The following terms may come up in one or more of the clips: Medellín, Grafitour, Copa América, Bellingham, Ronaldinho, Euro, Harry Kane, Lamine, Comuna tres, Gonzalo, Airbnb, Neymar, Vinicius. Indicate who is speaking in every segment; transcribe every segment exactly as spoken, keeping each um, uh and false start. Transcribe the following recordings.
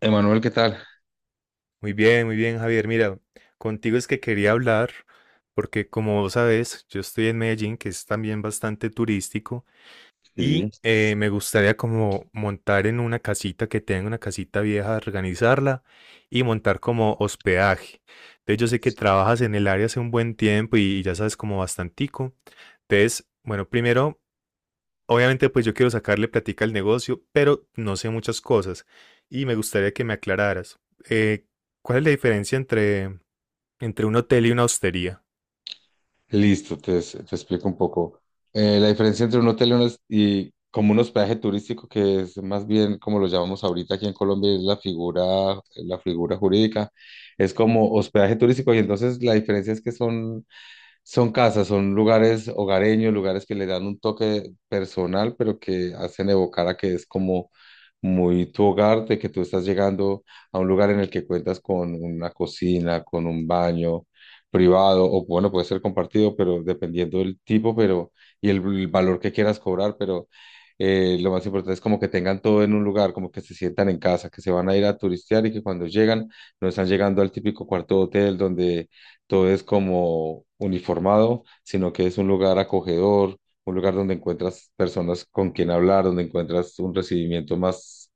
Speaker 1: Emanuel, ¿qué tal?
Speaker 2: Muy bien, muy bien, Javier. Mira, contigo es que quería hablar, porque como vos sabes, yo estoy en Medellín, que es también bastante turístico,
Speaker 1: Sí.
Speaker 2: y eh, me gustaría como montar en una casita que tenga una casita vieja, organizarla y montar como hospedaje. Entonces yo sé que trabajas en el área hace un buen tiempo y ya sabes como bastantico. Entonces, bueno, primero. Obviamente, pues yo quiero sacarle plática al negocio, pero no sé muchas cosas y me gustaría que me aclararas. Eh, ¿Cuál es la diferencia entre, entre un hotel y una hostería?
Speaker 1: Listo, te, te explico un poco. Eh, la diferencia entre un hotel y, un hos- y como un hospedaje turístico, que es más bien como lo llamamos ahorita aquí en Colombia, es la figura, la figura jurídica, es como hospedaje turístico. Y entonces la diferencia es que son Son casas, son lugares hogareños, lugares que le dan un toque personal, pero que hacen evocar a que es como muy tu hogar, de que tú estás llegando a un lugar en el que cuentas con una cocina, con un baño privado, o bueno, puede ser compartido, pero dependiendo del tipo. Pero y el, el valor que quieras cobrar, pero eh, lo más importante es como que tengan todo en un lugar, como que se sientan en casa, que se van a ir a turistear y que cuando llegan no están llegando al típico cuarto de hotel donde todo es como uniformado, sino que es un lugar acogedor, un lugar donde encuentras personas con quien hablar, donde encuentras un recibimiento más,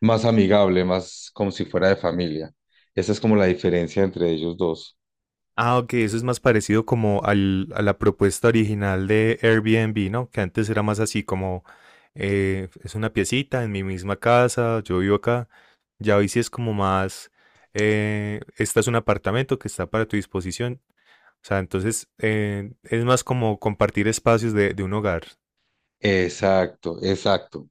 Speaker 1: más amigable, más como si fuera de familia. Esa es como la diferencia entre ellos dos.
Speaker 2: Ah, ok, eso es más parecido como al, a la propuesta original de Airbnb, ¿no? Que antes era más así como, eh, es una piecita en mi misma casa, yo vivo acá. Ya hoy sí es como más, eh, este es un apartamento que está para tu disposición. O sea, entonces eh, es más como compartir espacios de, de un hogar.
Speaker 1: Exacto, exacto.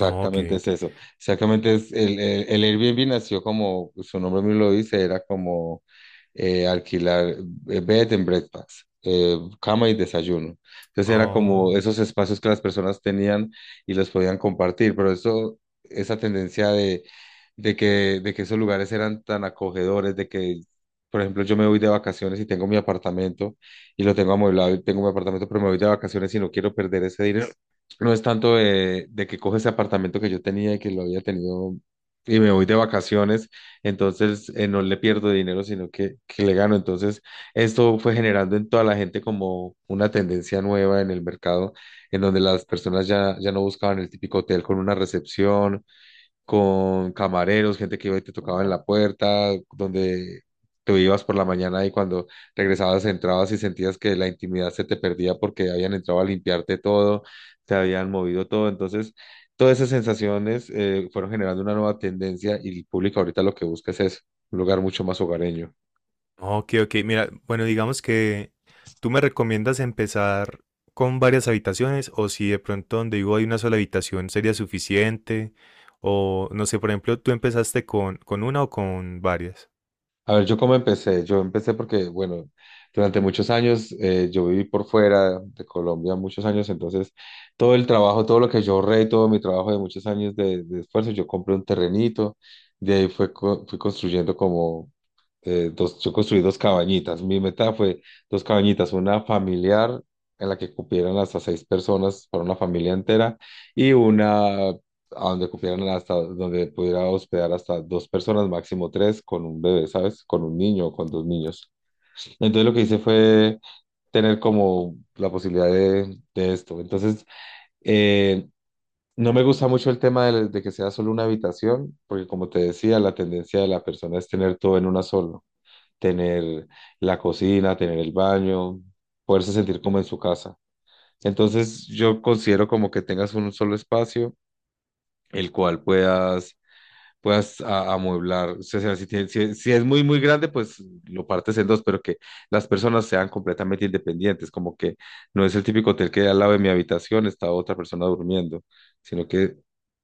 Speaker 2: Oh, ok.
Speaker 1: es
Speaker 2: Ok.
Speaker 1: eso. Exactamente es el, el, el Airbnb, nació como su nombre mismo lo dice. Era como eh, alquilar, eh, bed and breakfast, eh, cama y desayuno. Entonces era
Speaker 2: Ah,
Speaker 1: como esos espacios que las personas tenían y los podían compartir. Pero eso, esa tendencia de, de que, de que esos lugares eran tan acogedores, de que, por ejemplo, yo me voy de vacaciones y tengo mi apartamento y lo tengo amueblado y tengo mi apartamento, pero me voy de vacaciones y no quiero perder ese dinero. No es tanto de, de que cojo ese apartamento que yo tenía y que lo había tenido y me voy de vacaciones, entonces eh, no le pierdo dinero, sino que, que le gano. Entonces, esto fue generando en toda la gente como una tendencia nueva en el mercado, en donde las personas ya, ya no buscaban el típico hotel con una recepción, con camareros, gente que te tocaba en la puerta, donde tú ibas por la mañana y cuando regresabas entrabas y sentías que la intimidad se te perdía porque habían entrado a limpiarte todo, te habían movido todo. Entonces, todas esas sensaciones eh, fueron generando una nueva tendencia y el público ahorita lo que busca es eso, un lugar mucho más hogareño.
Speaker 2: ok, ok. Mira, bueno, digamos que tú me recomiendas empezar con varias habitaciones o si de pronto donde vivo hay una sola habitación sería suficiente o no sé, por ejemplo, tú empezaste con, con una o con varias.
Speaker 1: A ver, yo cómo empecé. Yo empecé porque, bueno, durante muchos años eh, yo viví por fuera de Colombia, muchos años. Entonces todo el trabajo, todo lo que yo ahorré, todo mi trabajo de muchos años de, de esfuerzo, yo compré un terrenito. De ahí fue, co- fui construyendo como eh, dos, yo construí dos cabañitas. Mi meta fue dos cabañitas, una familiar en la que cupieran hasta seis personas para una familia entera, y una a donde cupieran hasta donde pudiera hospedar hasta dos personas, máximo tres, con un bebé, ¿sabes? Con un niño o con dos niños. Entonces lo que hice fue tener como la posibilidad de, de esto. Entonces, eh, no me gusta mucho el tema de, de que sea solo una habitación, porque como te decía, la tendencia de la persona es tener todo en una sola, tener la cocina, tener el baño, poderse sentir como en su casa. Entonces yo considero como que tengas un solo espacio, el cual puedas, puedas a- amueblar. O sea, si, tiene- si- si es muy, muy grande, pues lo partes en dos, pero que las personas sean completamente independientes, como que no es el típico hotel que al lado de mi habitación está otra persona durmiendo, sino que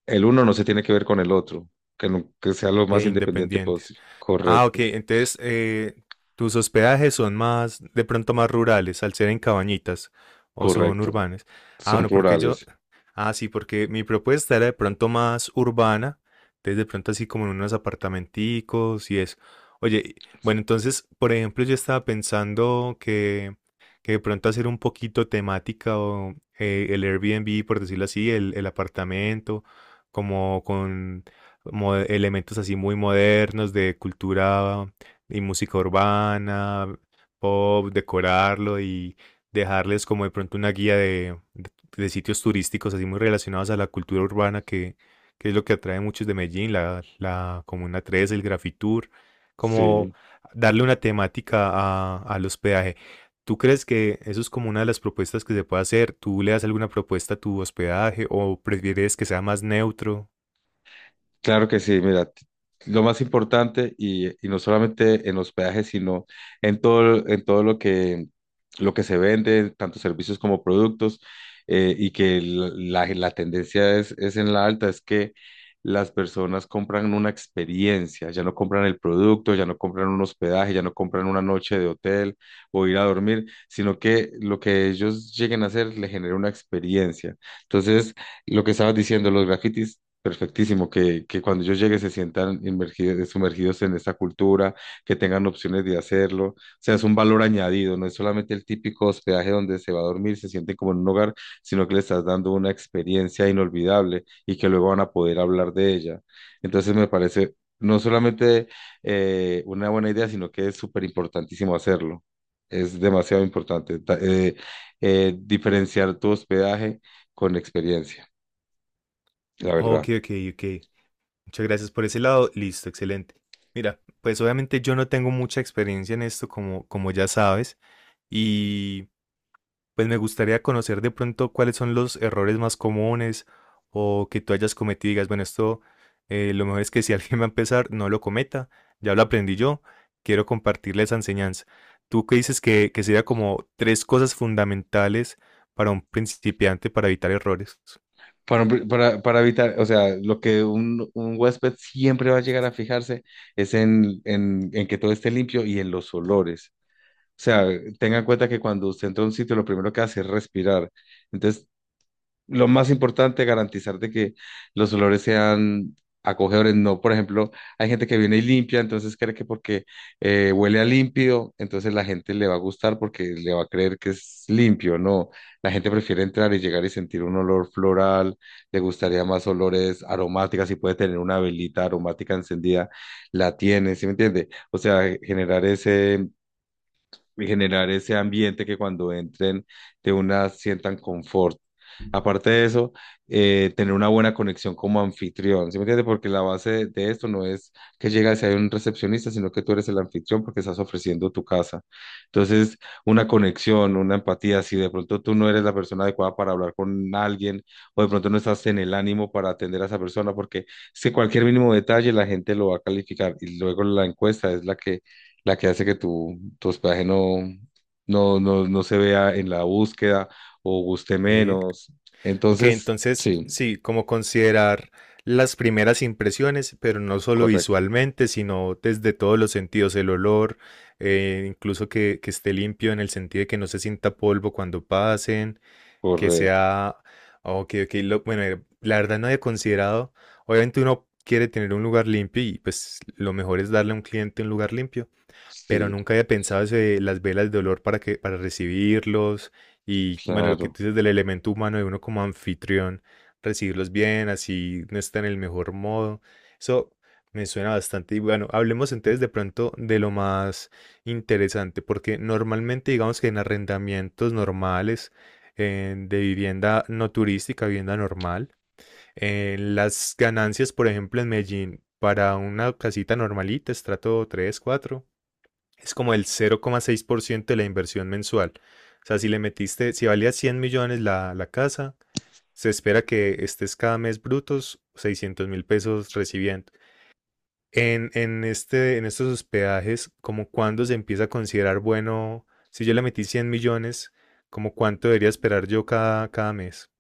Speaker 1: el uno no se tiene que ver con el otro, que, no- que sea lo
Speaker 2: Que
Speaker 1: más independiente
Speaker 2: independientes.
Speaker 1: posible.
Speaker 2: Ah, ok,
Speaker 1: Correcto,
Speaker 2: entonces eh, tus hospedajes son más, de pronto más rurales, al ser en cabañitas, o son
Speaker 1: correcto.
Speaker 2: urbanas. Ah,
Speaker 1: Son
Speaker 2: bueno, porque yo,
Speaker 1: plurales.
Speaker 2: ah, sí, porque mi propuesta era de pronto más urbana, entonces de pronto así como en unos apartamenticos y eso. Oye, y bueno, entonces, por ejemplo, yo estaba pensando que, que de pronto hacer un poquito temática o eh, el Airbnb, por decirlo así, el, el apartamento, como con mo- elementos así muy modernos de cultura y música urbana, pop, decorarlo y dejarles como de pronto una guía de, de- de sitios turísticos así muy relacionados a la cultura urbana que, que es lo que atrae a muchos de Medellín, la, la Comuna tres, el Grafitour, como
Speaker 1: Sí,
Speaker 2: darle una temática a, al hospedaje. ¿Tú crees que eso es como una de las propuestas que se puede hacer? ¿Tú le das alguna propuesta a tu hospedaje o prefieres que sea más neutro?
Speaker 1: claro que sí. Mira, t- lo más importante, y, y no solamente en hospedaje, sino en todo, en todo lo que, lo que se vende, tanto servicios como productos, eh, y que l- la, la tendencia es, es en la alta, es que las personas compran una experiencia, ya no compran el producto, ya no compran un hospedaje, ya no compran una noche de hotel o ir a dormir, sino que lo que ellos lleguen a hacer le genera una experiencia. Entonces, lo que estabas diciendo, los grafitis. Perfectísimo, que, que cuando yo llegue se sientan inmergidos, sumergidos en esta cultura, que tengan opciones de hacerlo. O sea, es un valor añadido, no es solamente el típico hospedaje donde se va a dormir, se sienten como en un hogar, sino que le estás dando una experiencia inolvidable y que luego van a poder hablar de ella. Entonces me parece no solamente eh, una buena idea, sino que es súper importantísimo hacerlo. Es demasiado importante ta- eh, eh, diferenciar tu hospedaje con experiencia, la verdad.
Speaker 2: Ok, ok, ok. Muchas gracias por ese lado. Listo, excelente. Mira, pues obviamente yo no tengo mucha experiencia en esto, como, como ya sabes, y pues me gustaría conocer de pronto cuáles son los errores más comunes o que tú hayas cometido y digas, bueno, esto eh, lo mejor es que si alguien va a empezar, no lo cometa, ya lo aprendí yo, quiero compartirle esa enseñanza. ¿Tú qué dices que, que sería como tres cosas fundamentales para un principiante para evitar errores?
Speaker 1: Para, para, para evitar, o sea, lo que un, un huésped siempre va a llegar a fijarse es en, en, en que todo esté limpio y en los olores. O sea, tenga en cuenta que cuando usted entra a un sitio, lo primero que hace es respirar. Entonces, lo más importante, garantizar de que los olores sean acogedores. No, por ejemplo, hay gente que viene y limpia, entonces cree que porque eh, huele a limpio, entonces la gente le va a gustar porque le va a creer que es limpio. No, la gente prefiere entrar y llegar y sentir un olor floral, le gustaría más olores aromáticas, si puede tener una velita aromática encendida, la tiene, ¿sí me entiende? O sea, generar ese y generar ese ambiente que cuando entren de una sientan confort. Aparte de eso, eh, tener una buena conexión como anfitrión, ¿sí me entiendes? Porque la base de, de esto no es que llegas y hay un recepcionista, sino que tú eres el anfitrión porque estás ofreciendo tu casa. Entonces, una conexión, una empatía, si de pronto tú no eres la persona adecuada para hablar con alguien o de pronto no estás en el ánimo para atender a esa persona, porque es que cualquier mínimo detalle la gente lo va a calificar, y luego la encuesta es la que la que hace que tu, tu hospedaje no, no, no, no se vea en la búsqueda o guste
Speaker 2: Ok.
Speaker 1: menos.
Speaker 2: Ok,
Speaker 1: Entonces,
Speaker 2: entonces
Speaker 1: sí,
Speaker 2: sí, como considerar las primeras impresiones, pero no solo
Speaker 1: correcto,
Speaker 2: visualmente, sino desde todos los sentidos, el olor, eh, incluso que, que esté limpio en el sentido de que no se sienta polvo cuando pasen, que
Speaker 1: correcto,
Speaker 2: sea, ok, ok, lo- bueno, eh, la verdad no había considerado, obviamente uno quiere tener un lugar limpio y pues lo mejor es darle a un cliente un lugar limpio, pero
Speaker 1: sí,
Speaker 2: nunca había pensado eso de las velas de olor para que, para recibirlos, y bueno, lo que
Speaker 1: claro.
Speaker 2: tú dices del elemento humano de uno como anfitrión, recibirlos bien, así no está en el mejor modo. Eso me suena bastante. Y bueno, hablemos entonces de pronto de lo más interesante, porque normalmente digamos que en arrendamientos normales eh, de vivienda no turística, vivienda normal, eh, las ganancias, por ejemplo, en Medellín, para una casita normalita, estrato tres cuatro, es como el cero coma seis por ciento de la inversión mensual. O sea, si le metiste, si valía cien millones la, la casa, se espera que estés cada mes brutos seiscientos mil pesos recibiendo. En, en, este, en estos hospedajes, como cuándo se empieza a considerar bueno, si yo le metí cien millones, como cuánto debería esperar yo cada, cada mes.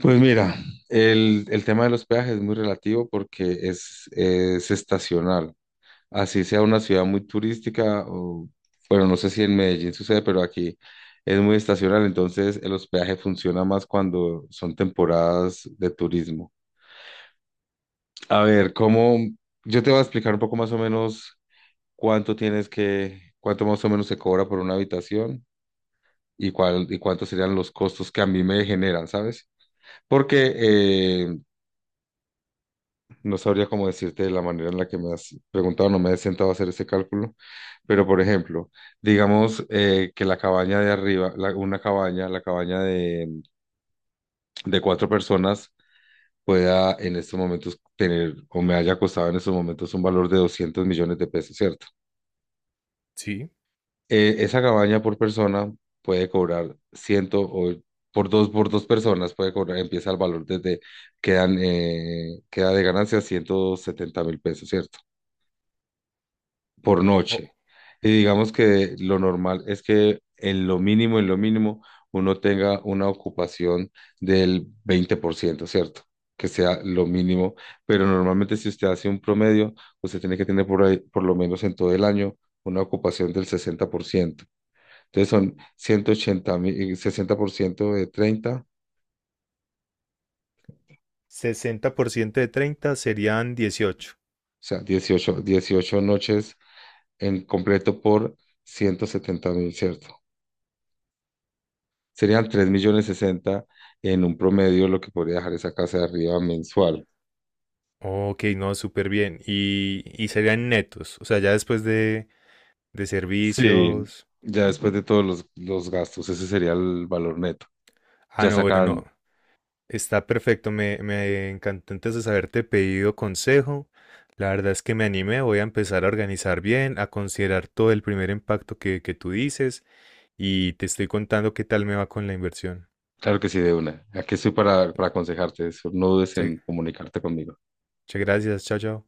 Speaker 1: Pues mira, el, el tema de los peajes es muy relativo porque es, es estacional. Así sea una ciudad muy turística, o, bueno, no sé si en Medellín sucede, pero aquí es muy estacional, entonces el hospedaje funciona más cuando son temporadas de turismo. A ver, ¿cómo? Yo te voy a explicar un poco más o menos cuánto tienes que, cuánto más o menos se cobra por una habitación y cuál y cuántos serían los costos que a mí me generan, ¿sabes? Porque eh, no sabría cómo decirte de la manera en la que me has preguntado, no me he sentado a hacer ese cálculo, pero por ejemplo, digamos eh, que la cabaña de arriba, la- una cabaña, la cabaña de, de cuatro personas pueda en estos momentos tener o me haya costado en estos momentos un valor de doscientos millones de pesos, ¿cierto?
Speaker 2: Sí,
Speaker 1: eh, esa cabaña por persona puede cobrar ciento o por dos, por dos personas puede cobrar, empieza el valor desde, quedan, eh, queda de ganancia ciento setenta mil pesos, ¿cierto? Por
Speaker 2: o
Speaker 1: noche. Y digamos que lo normal es que en lo mínimo, en lo mínimo, uno tenga una ocupación del veinte por ciento, ¿cierto? Que sea lo mínimo. Pero normalmente si usted hace un promedio, usted tiene que tener por ahí, por lo menos en todo el año, una ocupación del sesenta por ciento. Entonces son ciento ochenta mil, eh, sesenta por ciento de treinta, o
Speaker 2: ciento de treinta serían dieciocho.
Speaker 1: sea, dieciocho dieciocho noches en completo por ciento setenta mil, ¿cierto? Serían tres millones sesenta en un promedio lo que podría dejar esa casa de arriba mensual.
Speaker 2: Ok, no, súper bien. Y, y serían netos. O sea, ya después de, de
Speaker 1: Sí,
Speaker 2: servicios.
Speaker 1: ya después de todos los, los gastos, ese sería el valor neto.
Speaker 2: Ah,
Speaker 1: Ya
Speaker 2: no, bueno, no.
Speaker 1: sacan,
Speaker 2: Está perfecto, me, me encantó entonces haberte pedido consejo. La verdad es que me animé, voy a empezar a organizar bien, a considerar todo el primer impacto que, que tú dices, y te estoy contando qué tal me va con la inversión.
Speaker 1: claro que sí, de una. Aquí estoy para, para aconsejarte eso. No dudes
Speaker 2: Che,
Speaker 1: en comunicarte conmigo.
Speaker 2: muchas gracias, chao, chao.